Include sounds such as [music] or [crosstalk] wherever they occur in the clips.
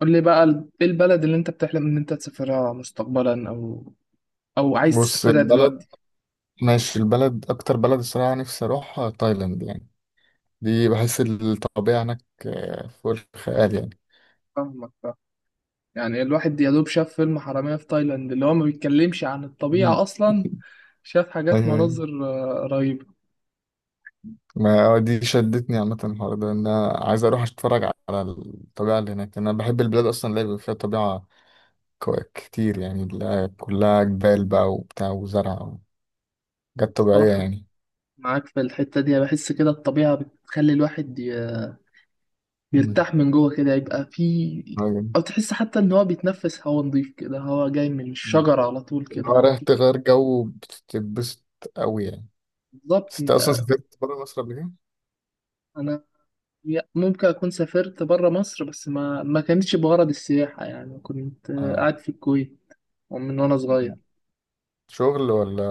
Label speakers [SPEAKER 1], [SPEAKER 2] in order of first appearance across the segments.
[SPEAKER 1] قول لي بقى ايه البلد اللي انت بتحلم ان انت تسافرها مستقبلا او عايز
[SPEAKER 2] بص
[SPEAKER 1] تسافرها
[SPEAKER 2] البلد
[SPEAKER 1] دلوقتي.
[SPEAKER 2] ماشي، البلد أكتر بلد الصراحة نفسي أروحها تايلاند، يعني دي بحس الطبيعة هناك فوق الخيال يعني.
[SPEAKER 1] فاهمك، يعني الواحد يا دوب شاف فيلم حرامية في تايلاند اللي هو ما بيتكلمش عن الطبيعة
[SPEAKER 2] مم.
[SPEAKER 1] اصلا. شاف حاجات،
[SPEAKER 2] أيوه أيوه،
[SPEAKER 1] مناظر رهيبة.
[SPEAKER 2] ما دي شدتني عامة. الحوار ده إن أنا عايز أروح أتفرج على الطبيعة اللي هناك. أنا بحب البلاد أصلا اللي بيبقى فيها طبيعة كتير يعني، اللي كلها جبال بقى وبتاع وزرع وحاجات طبيعية
[SPEAKER 1] الصراحة
[SPEAKER 2] يعني.
[SPEAKER 1] معاك في الحتة دي، بحس كده الطبيعة بتخلي الواحد
[SPEAKER 2] مم.
[SPEAKER 1] يرتاح من جوه كده، يبقى في،
[SPEAKER 2] أيوه.
[SPEAKER 1] او تحس حتى ان هو بيتنفس هوا نضيف كده، هوا جاي من
[SPEAKER 2] مم.
[SPEAKER 1] الشجرة على طول
[SPEAKER 2] اللي
[SPEAKER 1] كده،
[SPEAKER 2] هو
[SPEAKER 1] على
[SPEAKER 2] رايح
[SPEAKER 1] طول.
[SPEAKER 2] تغير جو، بتتبسط أوي يعني.
[SPEAKER 1] بالظبط
[SPEAKER 2] بس أنت أصلا
[SPEAKER 1] انت.
[SPEAKER 2] سافرت بره مصر قبل كده؟
[SPEAKER 1] انا، ممكن أكون سافرت برا مصر بس ما كانتش بغرض السياحة، يعني كنت
[SPEAKER 2] آه،
[SPEAKER 1] قاعد في الكويت من وأنا صغير.
[SPEAKER 2] شغل ولا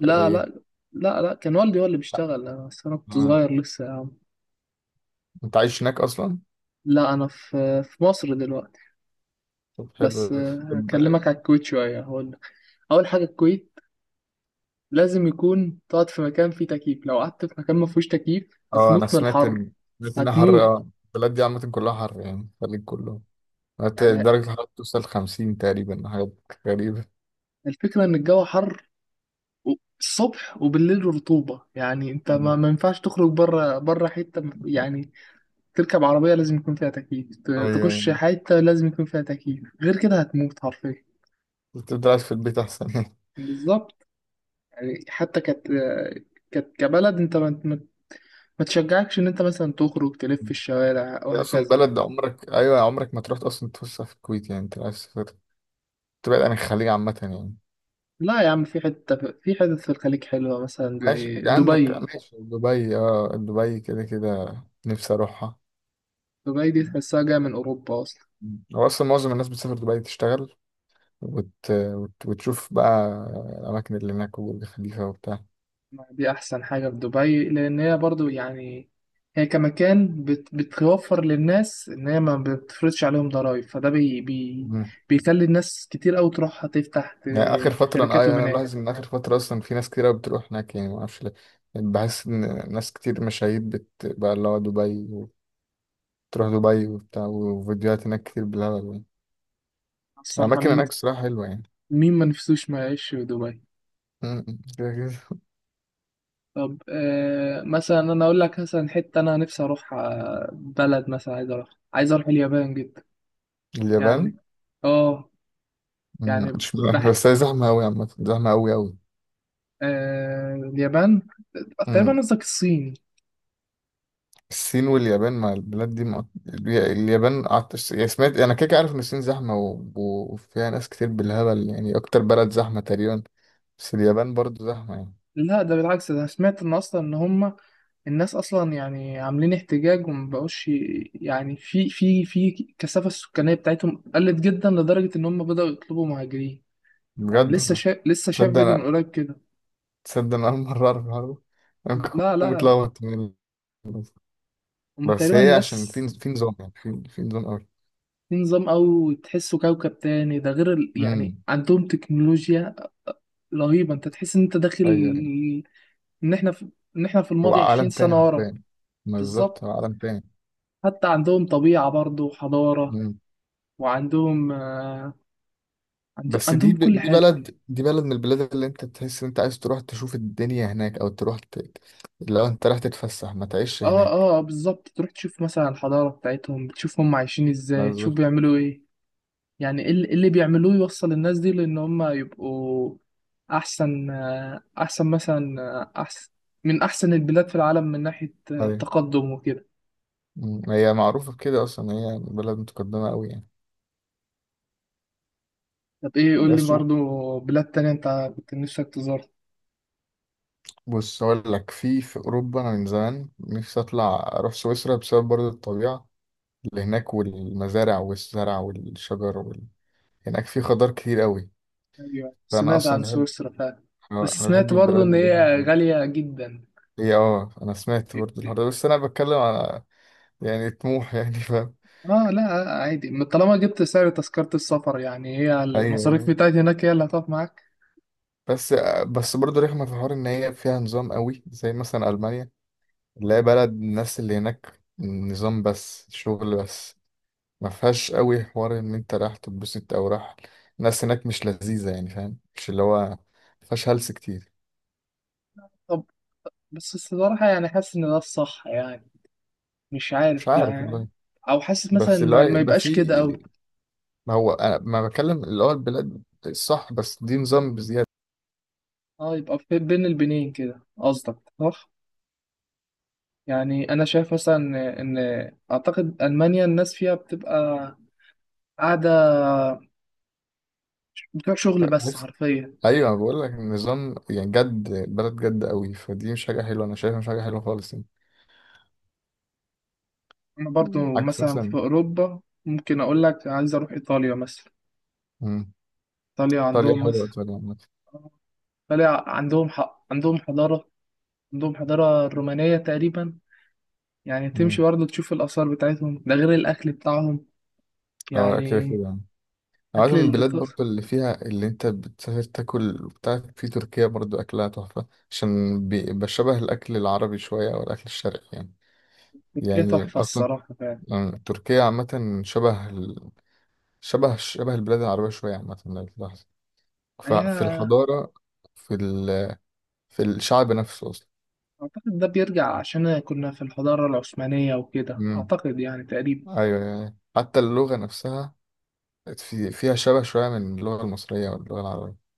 [SPEAKER 1] لا
[SPEAKER 2] ايه؟
[SPEAKER 1] لا لا كان والدي هو اللي بيشتغل، بس أنا كنت
[SPEAKER 2] مم.
[SPEAKER 1] صغير لسه يا عم.
[SPEAKER 2] انت عايش هناك اصلا؟
[SPEAKER 1] لا، أنا في مصر دلوقتي،
[SPEAKER 2] طب
[SPEAKER 1] بس
[SPEAKER 2] حلو. طب
[SPEAKER 1] هكلمك على الكويت شوية هقول لك. أول حاجة، الكويت لازم يكون تقعد في مكان فيه تكييف، لو قعدت في مكان ما فيهوش تكييف
[SPEAKER 2] اه، انا
[SPEAKER 1] هتموت من
[SPEAKER 2] سمعت
[SPEAKER 1] الحر.
[SPEAKER 2] ان سمعت انها حر،
[SPEAKER 1] هتموت
[SPEAKER 2] اه البلد دي عامة كلها حر يعني، الخليج كله.
[SPEAKER 1] يعني.
[SPEAKER 2] درجة الحرارة توصل 50 تقريبا، حاجات غريبة.
[SPEAKER 1] الفكرة إن الجو حر و- الصبح وبالليل رطوبة، يعني انت ما,
[SPEAKER 2] مم.
[SPEAKER 1] ما ينفعش تخرج بره، بره حتة يعني تركب عربية لازم يكون فيها تكييف،
[SPEAKER 2] ايوه أيوة.
[SPEAKER 1] تخش حتة لازم يكون فيها تكييف، غير كده هتموت حرفيا.
[SPEAKER 2] بتفضل قاعد في البيت احسن يعني.
[SPEAKER 1] بالظبط. يعني حتى كت كت كبلد انت ما تشجعكش ان انت مثلا تخرج تلف في
[SPEAKER 2] مم.
[SPEAKER 1] الشوارع
[SPEAKER 2] هي اصلا
[SPEAKER 1] وهكذا.
[SPEAKER 2] بلد عمرك، ايوه عمرك ما تروح اصلا تفسح في الكويت. يعني انت عايز تسافر تبعد عن الخليج عامة يعني.
[SPEAKER 1] لا يا عم، في حتة، في حتت في الخليج حلوة، مثلا
[SPEAKER 2] ماشي
[SPEAKER 1] زي
[SPEAKER 2] يعني، عندك
[SPEAKER 1] دبي.
[SPEAKER 2] ماشي دبي، اه دبي كده كده نفسي اروحها.
[SPEAKER 1] دبي دي تحسها جاية من أوروبا أصلا.
[SPEAKER 2] مم. هو اصلا معظم الناس بتسافر دبي تشتغل وتشوف بقى الأماكن اللي هناك، والجو خفيفة وبتاع.
[SPEAKER 1] دي احسن حاجه في دبي، لان هي برضو يعني هي كمكان بتوفر للناس ان هي ما بتفرضش عليهم ضرائب، فده بي بي
[SPEAKER 2] مم.
[SPEAKER 1] بيخلي الناس كتير قوي تروح تفتح
[SPEAKER 2] يعني آخر فترة أنا، أيوة،
[SPEAKER 1] شركاتهم
[SPEAKER 2] أنا
[SPEAKER 1] هناك.
[SPEAKER 2] ملاحظ إن آخر فترة أصلا في ناس كتير أوي بتروح هناك يعني، معرفش ليه. بحس إن ناس كتير مشاهير بقى اللي هو دبي، وتروح دبي وبتاع، وفيديوهات هناك كتير بالهبل يعني.
[SPEAKER 1] الصراحه،
[SPEAKER 2] الأماكن هناك
[SPEAKER 1] مين؟
[SPEAKER 2] الصراحة حلوة يعني.
[SPEAKER 1] مين ما نفسوش ما يعيش في دبي.
[SPEAKER 2] م- م. كده كده.
[SPEAKER 1] طب مثلا انا اقول لك مثلا حته انا نفسي اروح بلد، مثلا عايز اروح، عايز اروح اليابان جدا يعني.
[SPEAKER 2] اليابان،
[SPEAKER 1] اه، يعني
[SPEAKER 2] مش، بس هي زحمة أوي عامة، زحمة أوي أوي.
[SPEAKER 1] آه، اليابان تقريبا؟ قصدك الصين؟
[SPEAKER 2] الصين واليابان، مع البلاد دي مع... اليابان قعدت يعني سمعت، انا كده كده عارف ان الصين زحمه وفيها ناس كتير بالهبل يعني، اكتر بلد زحمه تقريبا. بس اليابان برضو زحمه يعني.
[SPEAKER 1] لا، ده بالعكس، ده أنا سمعت ان اصلا ان هم الناس اصلا يعني عاملين احتجاج وما بقوش يعني في كثافه السكانيه بتاعتهم قلت جدا لدرجه ان هم بداوا يطلبوا مهاجرين. يعني
[SPEAKER 2] بجد والله؟
[SPEAKER 1] لسه شاف
[SPEAKER 2] تصدق
[SPEAKER 1] فيديو من
[SPEAKER 2] انا
[SPEAKER 1] قريب كده.
[SPEAKER 2] تصدق انا اول مره اعرف الحوار ده. انا ممكن
[SPEAKER 1] لا
[SPEAKER 2] اكون
[SPEAKER 1] لا لا
[SPEAKER 2] متلخبط يعني.
[SPEAKER 1] هم
[SPEAKER 2] بس
[SPEAKER 1] تقريبا
[SPEAKER 2] هي عشان
[SPEAKER 1] الناس
[SPEAKER 2] في نظام يعني، في نظام قوي.
[SPEAKER 1] في نظام، او تحسه كوكب تاني، ده غير يعني
[SPEAKER 2] امم.
[SPEAKER 1] عندهم تكنولوجيا رهيبه، انت تحس ان انت داخل،
[SPEAKER 2] ايوه أيوة.
[SPEAKER 1] ان احنا في... ان احنا في
[SPEAKER 2] هو
[SPEAKER 1] الماضي 20
[SPEAKER 2] عالم تاني
[SPEAKER 1] سنه ورا.
[SPEAKER 2] حرفيا، ما بالظبط
[SPEAKER 1] بالظبط،
[SPEAKER 2] هو عالم تاني.
[SPEAKER 1] حتى عندهم طبيعه برضه وحضاره، وعندهم
[SPEAKER 2] بس
[SPEAKER 1] عندهم كل
[SPEAKER 2] دي
[SPEAKER 1] حاجة.
[SPEAKER 2] بلد، دي بلد من البلاد اللي انت تحس ان انت عايز تروح تشوف الدنيا هناك، او تروح ت... لو انت رايح تتفسح ما تعيش هناك.
[SPEAKER 1] بالظبط، تروح تشوف مثلا الحضارة بتاعتهم، بتشوف هم عايشين ازاي، تشوف
[SPEAKER 2] بالظبط.
[SPEAKER 1] بيعملوا ايه، يعني ايه اللي، اللي بيعملوه يوصل الناس دي، لان هم يبقوا احسن، آه، احسن مثلا آه، احسن من احسن البلاد في العالم من ناحية
[SPEAKER 2] ايوه.
[SPEAKER 1] تقدم وكده.
[SPEAKER 2] مم. هي معروفة بكده اصلا، هي بلد متقدمة قوي يعني.
[SPEAKER 1] طب ايه، قول لي
[SPEAKER 2] بس و-
[SPEAKER 1] برضو بلاد تانية انت كنت نفسك تزورها.
[SPEAKER 2] بص اقول لك، في اوروبا انا من زمان نفسي اطلع اروح سويسرا، بسبب برضه الطبيعة اللي هناك، والمزارع والزرع والشجر وال... هناك في خضار كتير قوي.
[SPEAKER 1] ايوه،
[SPEAKER 2] فانا
[SPEAKER 1] سمعت
[SPEAKER 2] اصلا
[SPEAKER 1] عن
[SPEAKER 2] بحب،
[SPEAKER 1] سويسرا فعلا. بس
[SPEAKER 2] انا
[SPEAKER 1] سمعت
[SPEAKER 2] بحب
[SPEAKER 1] برضو
[SPEAKER 2] البلاد
[SPEAKER 1] ان
[SPEAKER 2] اللي هي
[SPEAKER 1] هي
[SPEAKER 2] دول.
[SPEAKER 1] غالية جدا.
[SPEAKER 2] هي اه انا سمعت برضه الحوار ده، بس انا بتكلم يعني طموح يعني، فاهم.
[SPEAKER 1] اه لا، عادي، ما طالما جبت سعر تذكرة السفر، يعني هي
[SPEAKER 2] ايوه
[SPEAKER 1] المصاريف
[SPEAKER 2] يعني.
[SPEAKER 1] بتاعتي هناك هي اللي هتقف معاك.
[SPEAKER 2] بس، بس برضه رخمه في حوار ان هي فيها نظام قوي، زي مثلا المانيا اللي هي بلد الناس اللي هناك نظام بس، شغل بس، ما فيهاش قوي حوار ان انت رايح تتبسط او راح. الناس هناك مش لذيذه يعني، فاهم؟ مش اللي هو ما فيهاش هلس كتير.
[SPEAKER 1] طب، بس الصراحة يعني حاسس ان ده الصح يعني، مش
[SPEAKER 2] مش
[SPEAKER 1] عارف
[SPEAKER 2] عارف
[SPEAKER 1] يعني،
[SPEAKER 2] والله.
[SPEAKER 1] او حاسس مثلا
[SPEAKER 2] بس اللي هو
[SPEAKER 1] ما
[SPEAKER 2] يبقى في،
[SPEAKER 1] يبقاش كده، او.
[SPEAKER 2] ما هو انا ما بتكلم اللي هو البلاد الصح، بس دي نظام
[SPEAKER 1] اه، يبقى في بين البنين كده قصدك، صح؟ يعني انا شايف مثلا ان اعتقد المانيا الناس فيها بتبقى قاعدة بتوع شغل بس
[SPEAKER 2] بزياده.
[SPEAKER 1] حرفيا.
[SPEAKER 2] ايوه انا بقول لك النظام يعني جد، البلد جد قوي، فدي مش حاجه حلوه، انا شايفها مش حاجه حلوه خالص يعني.
[SPEAKER 1] انا
[SPEAKER 2] مم.
[SPEAKER 1] برضو
[SPEAKER 2] عكس
[SPEAKER 1] مثلا في
[SPEAKER 2] مثلا،
[SPEAKER 1] اوروبا ممكن اقول لك عايز اروح ايطاليا مثلا.
[SPEAKER 2] مم،
[SPEAKER 1] ايطاليا
[SPEAKER 2] ايطاليا
[SPEAKER 1] عندهم
[SPEAKER 2] حلوه،
[SPEAKER 1] مثلا،
[SPEAKER 2] ايطاليا عامه.
[SPEAKER 1] طلع عندهم حق، عندهم حضارة، عندهم حضارة رومانية تقريبا يعني، تمشي
[SPEAKER 2] مم.
[SPEAKER 1] برضه تشوف الآثار بتاعتهم، ده غير الأكل بتاعهم
[SPEAKER 2] اه كده
[SPEAKER 1] يعني.
[SPEAKER 2] كده يعني. عايز
[SPEAKER 1] أكل
[SPEAKER 2] من البلاد
[SPEAKER 1] الإيطال،
[SPEAKER 2] برضه اللي فيها، اللي انت بتسافر تاكل بتاع. في تركيا برضه اكلها تحفه، عشان بشبه الاكل العربي شويه، او الاكل الشرقي يعني.
[SPEAKER 1] تركيا
[SPEAKER 2] يعني
[SPEAKER 1] تحفة
[SPEAKER 2] اصلا،
[SPEAKER 1] الصراحة فعلا.
[SPEAKER 2] مم، تركيا عامه شبه ال... شبه، شبه البلاد العربيه شويه عامه لو تلاحظ،
[SPEAKER 1] هي
[SPEAKER 2] ففي الحضاره، في ال... في الشعب نفسه.
[SPEAKER 1] أعتقد ده بيرجع عشان كنا في الحضارة العثمانية وكده،
[SPEAKER 2] امم.
[SPEAKER 1] أعتقد يعني تقريبا.
[SPEAKER 2] ايوه أيوة. أيوة. حتى اللغه نفسها في، فيها شبه شويه من اللغه المصريه واللغه العربيه.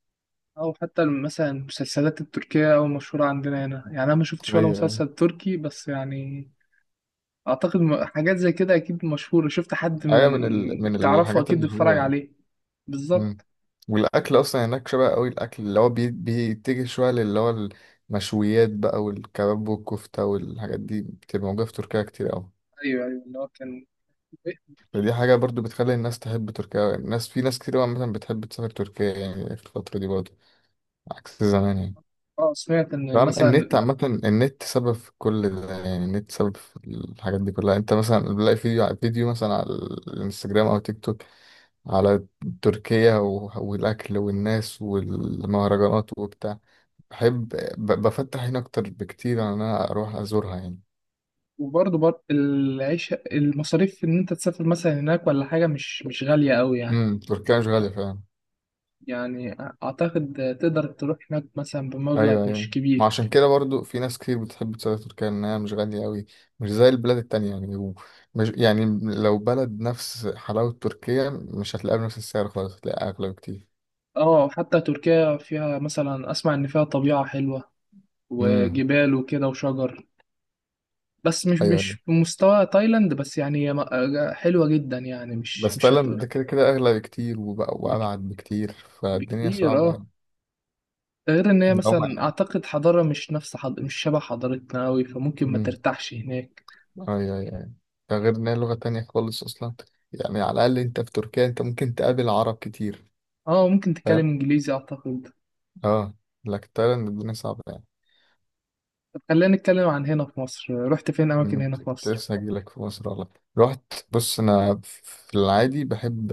[SPEAKER 1] أو حتى مثلا المسلسلات التركية أو مشهورة عندنا هنا، يعني أنا ما شفتش ولا
[SPEAKER 2] ايوه ايوه.
[SPEAKER 1] مسلسل تركي بس يعني أعتقد حاجات زي كده أكيد مشهورة، شفت حد من
[SPEAKER 2] ايوه من ال... من
[SPEAKER 1] تعرفه
[SPEAKER 2] الحاجات
[SPEAKER 1] أكيد
[SPEAKER 2] المحبوبه
[SPEAKER 1] بيتفرج
[SPEAKER 2] يعني.
[SPEAKER 1] عليه.
[SPEAKER 2] امم.
[SPEAKER 1] بالظبط.
[SPEAKER 2] والاكل اصلا هناك شبه قوي، الاكل اللي هو بيتجه شويه للي هو المشويات بقى، والكباب والكفته والحاجات دي بتبقى موجوده في تركيا كتير قوي.
[SPEAKER 1] ايوه ايوه، اللي هو كان.
[SPEAKER 2] فدي حاجه برضو بتخلي الناس تحب تركيا، الناس في ناس كتير قوي مثلا بتحب تسافر تركيا يعني في الفتره دي برضو، عكس زمان يعني.
[SPEAKER 1] اه سمعت ان
[SPEAKER 2] نعم، النت
[SPEAKER 1] مثلا،
[SPEAKER 2] عامة، النت سبب في كل ده يعني، النت سبب في الحاجات دي كلها، انت مثلا بتلاقي فيديو على فيديو مثلا على الانستجرام او تيك توك، على تركيا والاكل والناس والمهرجانات وبتاع. بحب، بفتح هنا اكتر بكتير عن ان انا اروح ازورها يعني.
[SPEAKER 1] العيش، المصاريف ان انت تسافر مثلا هناك ولا حاجه، مش مش غاليه قوي يعني.
[SPEAKER 2] امم، تركيا مش غالية فعلا.
[SPEAKER 1] يعني اعتقد تقدر تروح هناك مثلا
[SPEAKER 2] ايوه
[SPEAKER 1] بمبلغ مش
[SPEAKER 2] ايوه. ما
[SPEAKER 1] كبير.
[SPEAKER 2] عشان كده برضو في ناس كتير بتحب تسافر تركيا، انها مش غاليه قوي، مش زي البلاد التانية يعني مش يعني، لو بلد نفس حلاوه تركيا مش هتلاقيها بنفس السعر خالص، هتلاقيها اغلى بكتير.
[SPEAKER 1] اه، حتى تركيا فيها مثلا، اسمع ان فيها طبيعه حلوه
[SPEAKER 2] امم.
[SPEAKER 1] وجبال وكده وشجر، بس مش
[SPEAKER 2] ايوه ايوه.
[SPEAKER 1] مش بمستوى تايلاند، بس يعني هي حلوه جدا يعني، مش
[SPEAKER 2] بس
[SPEAKER 1] مش
[SPEAKER 2] تايلاند
[SPEAKER 1] هتقول
[SPEAKER 2] ده كده كده اغلى بكتير، وبقى
[SPEAKER 1] بك...
[SPEAKER 2] وابعد بكتير، فالدنيا
[SPEAKER 1] بكتير
[SPEAKER 2] صعبه
[SPEAKER 1] اه.
[SPEAKER 2] يعني.
[SPEAKER 1] غير ان هي
[SPEAKER 2] هم.
[SPEAKER 1] مثلا اعتقد حضارة مش نفس مش شبه حضارتنا قوي، فممكن ما
[SPEAKER 2] امم.
[SPEAKER 1] ترتاحش هناك.
[SPEAKER 2] ايوه ايوه أيوة. ده غير ان هي لغه تانية خالص اصلا يعني، على الاقل انت في تركيا انت ممكن تقابل عرب كتير،
[SPEAKER 1] اه ممكن تتكلم
[SPEAKER 2] فاهم؟
[SPEAKER 1] انجليزي اعتقد.
[SPEAKER 2] اه. لكن تايلاند الدنيا صعبه يعني.
[SPEAKER 1] طب خلينا نتكلم عن هنا في مصر، رحت فين اماكن
[SPEAKER 2] أمم،
[SPEAKER 1] هنا في
[SPEAKER 2] كنت
[SPEAKER 1] مصر؟
[SPEAKER 2] لسه هجيلك في مصر والله. رحت، بص انا في العادي بحب،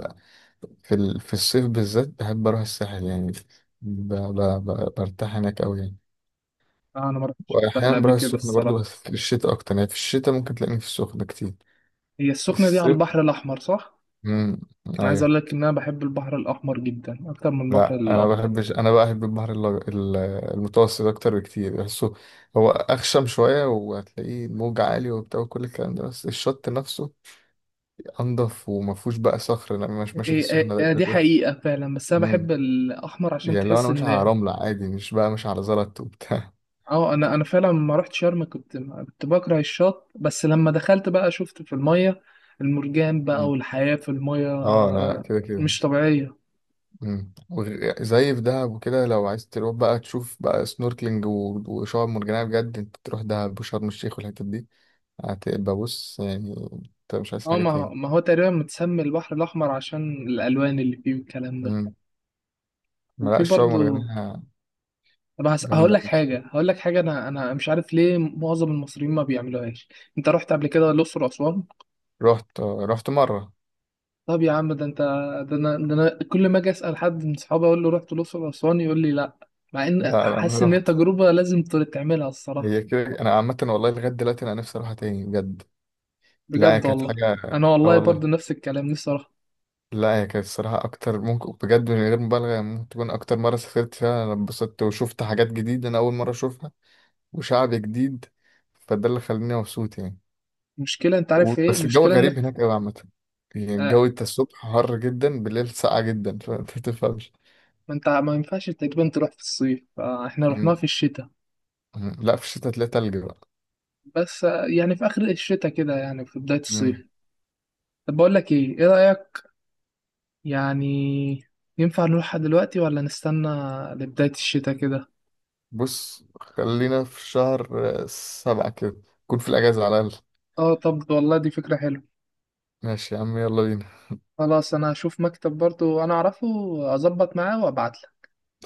[SPEAKER 2] في ال... في الصيف بالذات بحب اروح الساحل يعني، ب... ب... برتاح هناك قوي يعني.
[SPEAKER 1] آه انا ما رحتش الساحل
[SPEAKER 2] واحيانا
[SPEAKER 1] قبل
[SPEAKER 2] بروح
[SPEAKER 1] كده
[SPEAKER 2] السخنه برضو، بس
[SPEAKER 1] الصراحة.
[SPEAKER 2] في الشتاء اكتر يعني، في الشتاء ممكن تلاقيني في السخنه كتير.
[SPEAKER 1] هي
[SPEAKER 2] في
[SPEAKER 1] السخنة دي على
[SPEAKER 2] الصيف،
[SPEAKER 1] البحر الاحمر، صح؟
[SPEAKER 2] امم،
[SPEAKER 1] انا عايز
[SPEAKER 2] ايوه.
[SPEAKER 1] اقول لك ان انا بحب البحر الاحمر جدا اكتر من البحر
[SPEAKER 2] لا انا
[SPEAKER 1] الابيض.
[SPEAKER 2] بحبش، انا بقى بحب البحر المتوسط اكتر بكتير، بحسه هو اخشم شويه، وهتلاقيه موج عالي وبتاع وكل الكلام ده، بس الشط نفسه انضف، وما فيهوش بقى صخر لما مش ماشي في
[SPEAKER 1] إيه إيه
[SPEAKER 2] السخنه
[SPEAKER 1] إيه دي
[SPEAKER 2] ده.
[SPEAKER 1] حقيقة فعلا، بس انا
[SPEAKER 2] مم.
[SPEAKER 1] بحب الاحمر عشان
[SPEAKER 2] يعني لو انا
[SPEAKER 1] تحس
[SPEAKER 2] ماشي على
[SPEAKER 1] ان.
[SPEAKER 2] رملة عادي، مش بقى ماشي على زلط وبتاع.
[SPEAKER 1] اه انا، فعلا لما رحت شرم كنت بكره الشط، بس لما دخلت بقى شفت في الميه المرجان
[SPEAKER 2] [laughs]
[SPEAKER 1] بقى
[SPEAKER 2] مم.
[SPEAKER 1] والحياه في الميه،
[SPEAKER 2] اه لا لا كده كده.
[SPEAKER 1] مش طبيعيه.
[SPEAKER 2] مم. زي في دهب وكده، لو عايز تروح بقى تشوف بقى سنوركلينج وشعاب مرجانية بجد، انت تروح دهب وشرم الشيخ والحتت دي، هتبقى بص يعني، انت مش عايز
[SPEAKER 1] اه،
[SPEAKER 2] حاجة
[SPEAKER 1] ما
[SPEAKER 2] تاني.
[SPEAKER 1] ما هو تقريبا متسمي البحر الاحمر عشان الالوان اللي فيه والكلام ده.
[SPEAKER 2] مم. ما لا،
[SPEAKER 1] وفي
[SPEAKER 2] الشعاب
[SPEAKER 1] برضو.
[SPEAKER 2] المرجانية
[SPEAKER 1] طب هقول
[SPEAKER 2] جامدة
[SPEAKER 1] لك
[SPEAKER 2] بس.
[SPEAKER 1] حاجه هقول لك حاجه انا مش عارف ليه معظم المصريين ما بيعملوهاش، انت رحت قبل كده الاقصر واسوان؟
[SPEAKER 2] رحت مرة.
[SPEAKER 1] طب يا عم ده انت، ده انا كل ما اجي اسال حد من صحابي اقول له رحت الاقصر واسوان يقول لي لا، مع ان
[SPEAKER 2] لا لا ما
[SPEAKER 1] حاسس ان هي
[SPEAKER 2] رحت،
[SPEAKER 1] تجربه لازم تعملها الصراحه.
[SPEAKER 2] هي كده. انا عامة والله لغاية دلوقتي انا نفسي اروحها تاني بجد. لا هي
[SPEAKER 1] بجد
[SPEAKER 2] كانت
[SPEAKER 1] والله.
[SPEAKER 2] حاجة،
[SPEAKER 1] انا
[SPEAKER 2] اه
[SPEAKER 1] والله
[SPEAKER 2] والله.
[SPEAKER 1] برضو نفس الكلام، نفسي اروح.
[SPEAKER 2] لا هي كانت الصراحة أكتر ممكن بجد من غير مبالغة يعني، ممكن تكون أكتر مرة سافرت فيها أنا اتبسطت وشفت حاجات جديدة، أنا أول مرة أشوفها وشعب جديد، فده اللي خلاني مبسوط يعني.
[SPEAKER 1] المشكله، انت عارف ايه
[SPEAKER 2] بس الجو
[SPEAKER 1] المشكله،
[SPEAKER 2] غريب هناك أوي عامة يعني.
[SPEAKER 1] آه،
[SPEAKER 2] الجو أنت الصبح حر جدا، بالليل ساقع جدا، فأنت متفهمش.
[SPEAKER 1] ما انت ما ينفعش تقريبا تروح في الصيف، فاحنا
[SPEAKER 2] أمم،
[SPEAKER 1] رحناها في الشتاء.
[SPEAKER 2] أمم. [laughs] لا في الشتاء تلاقي تلج بقى.
[SPEAKER 1] بس يعني في اخر الشتاء كده يعني في بدايه
[SPEAKER 2] مم.
[SPEAKER 1] الصيف. طب بقول لك ايه، ايه رايك يعني، ينفع نروحها دلوقتي ولا نستنى لبدايه الشتاء كده؟
[SPEAKER 2] بص خلينا في شهر 7 كده، نكون في الأجازة على الأقل.
[SPEAKER 1] اه طب والله دي فكره حلوه.
[SPEAKER 2] ماشي يا عم يلا بينا.
[SPEAKER 1] خلاص انا هشوف مكتب برضو انا اعرفه، اظبط معاه وابعت لك.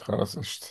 [SPEAKER 2] خلاص قشطة.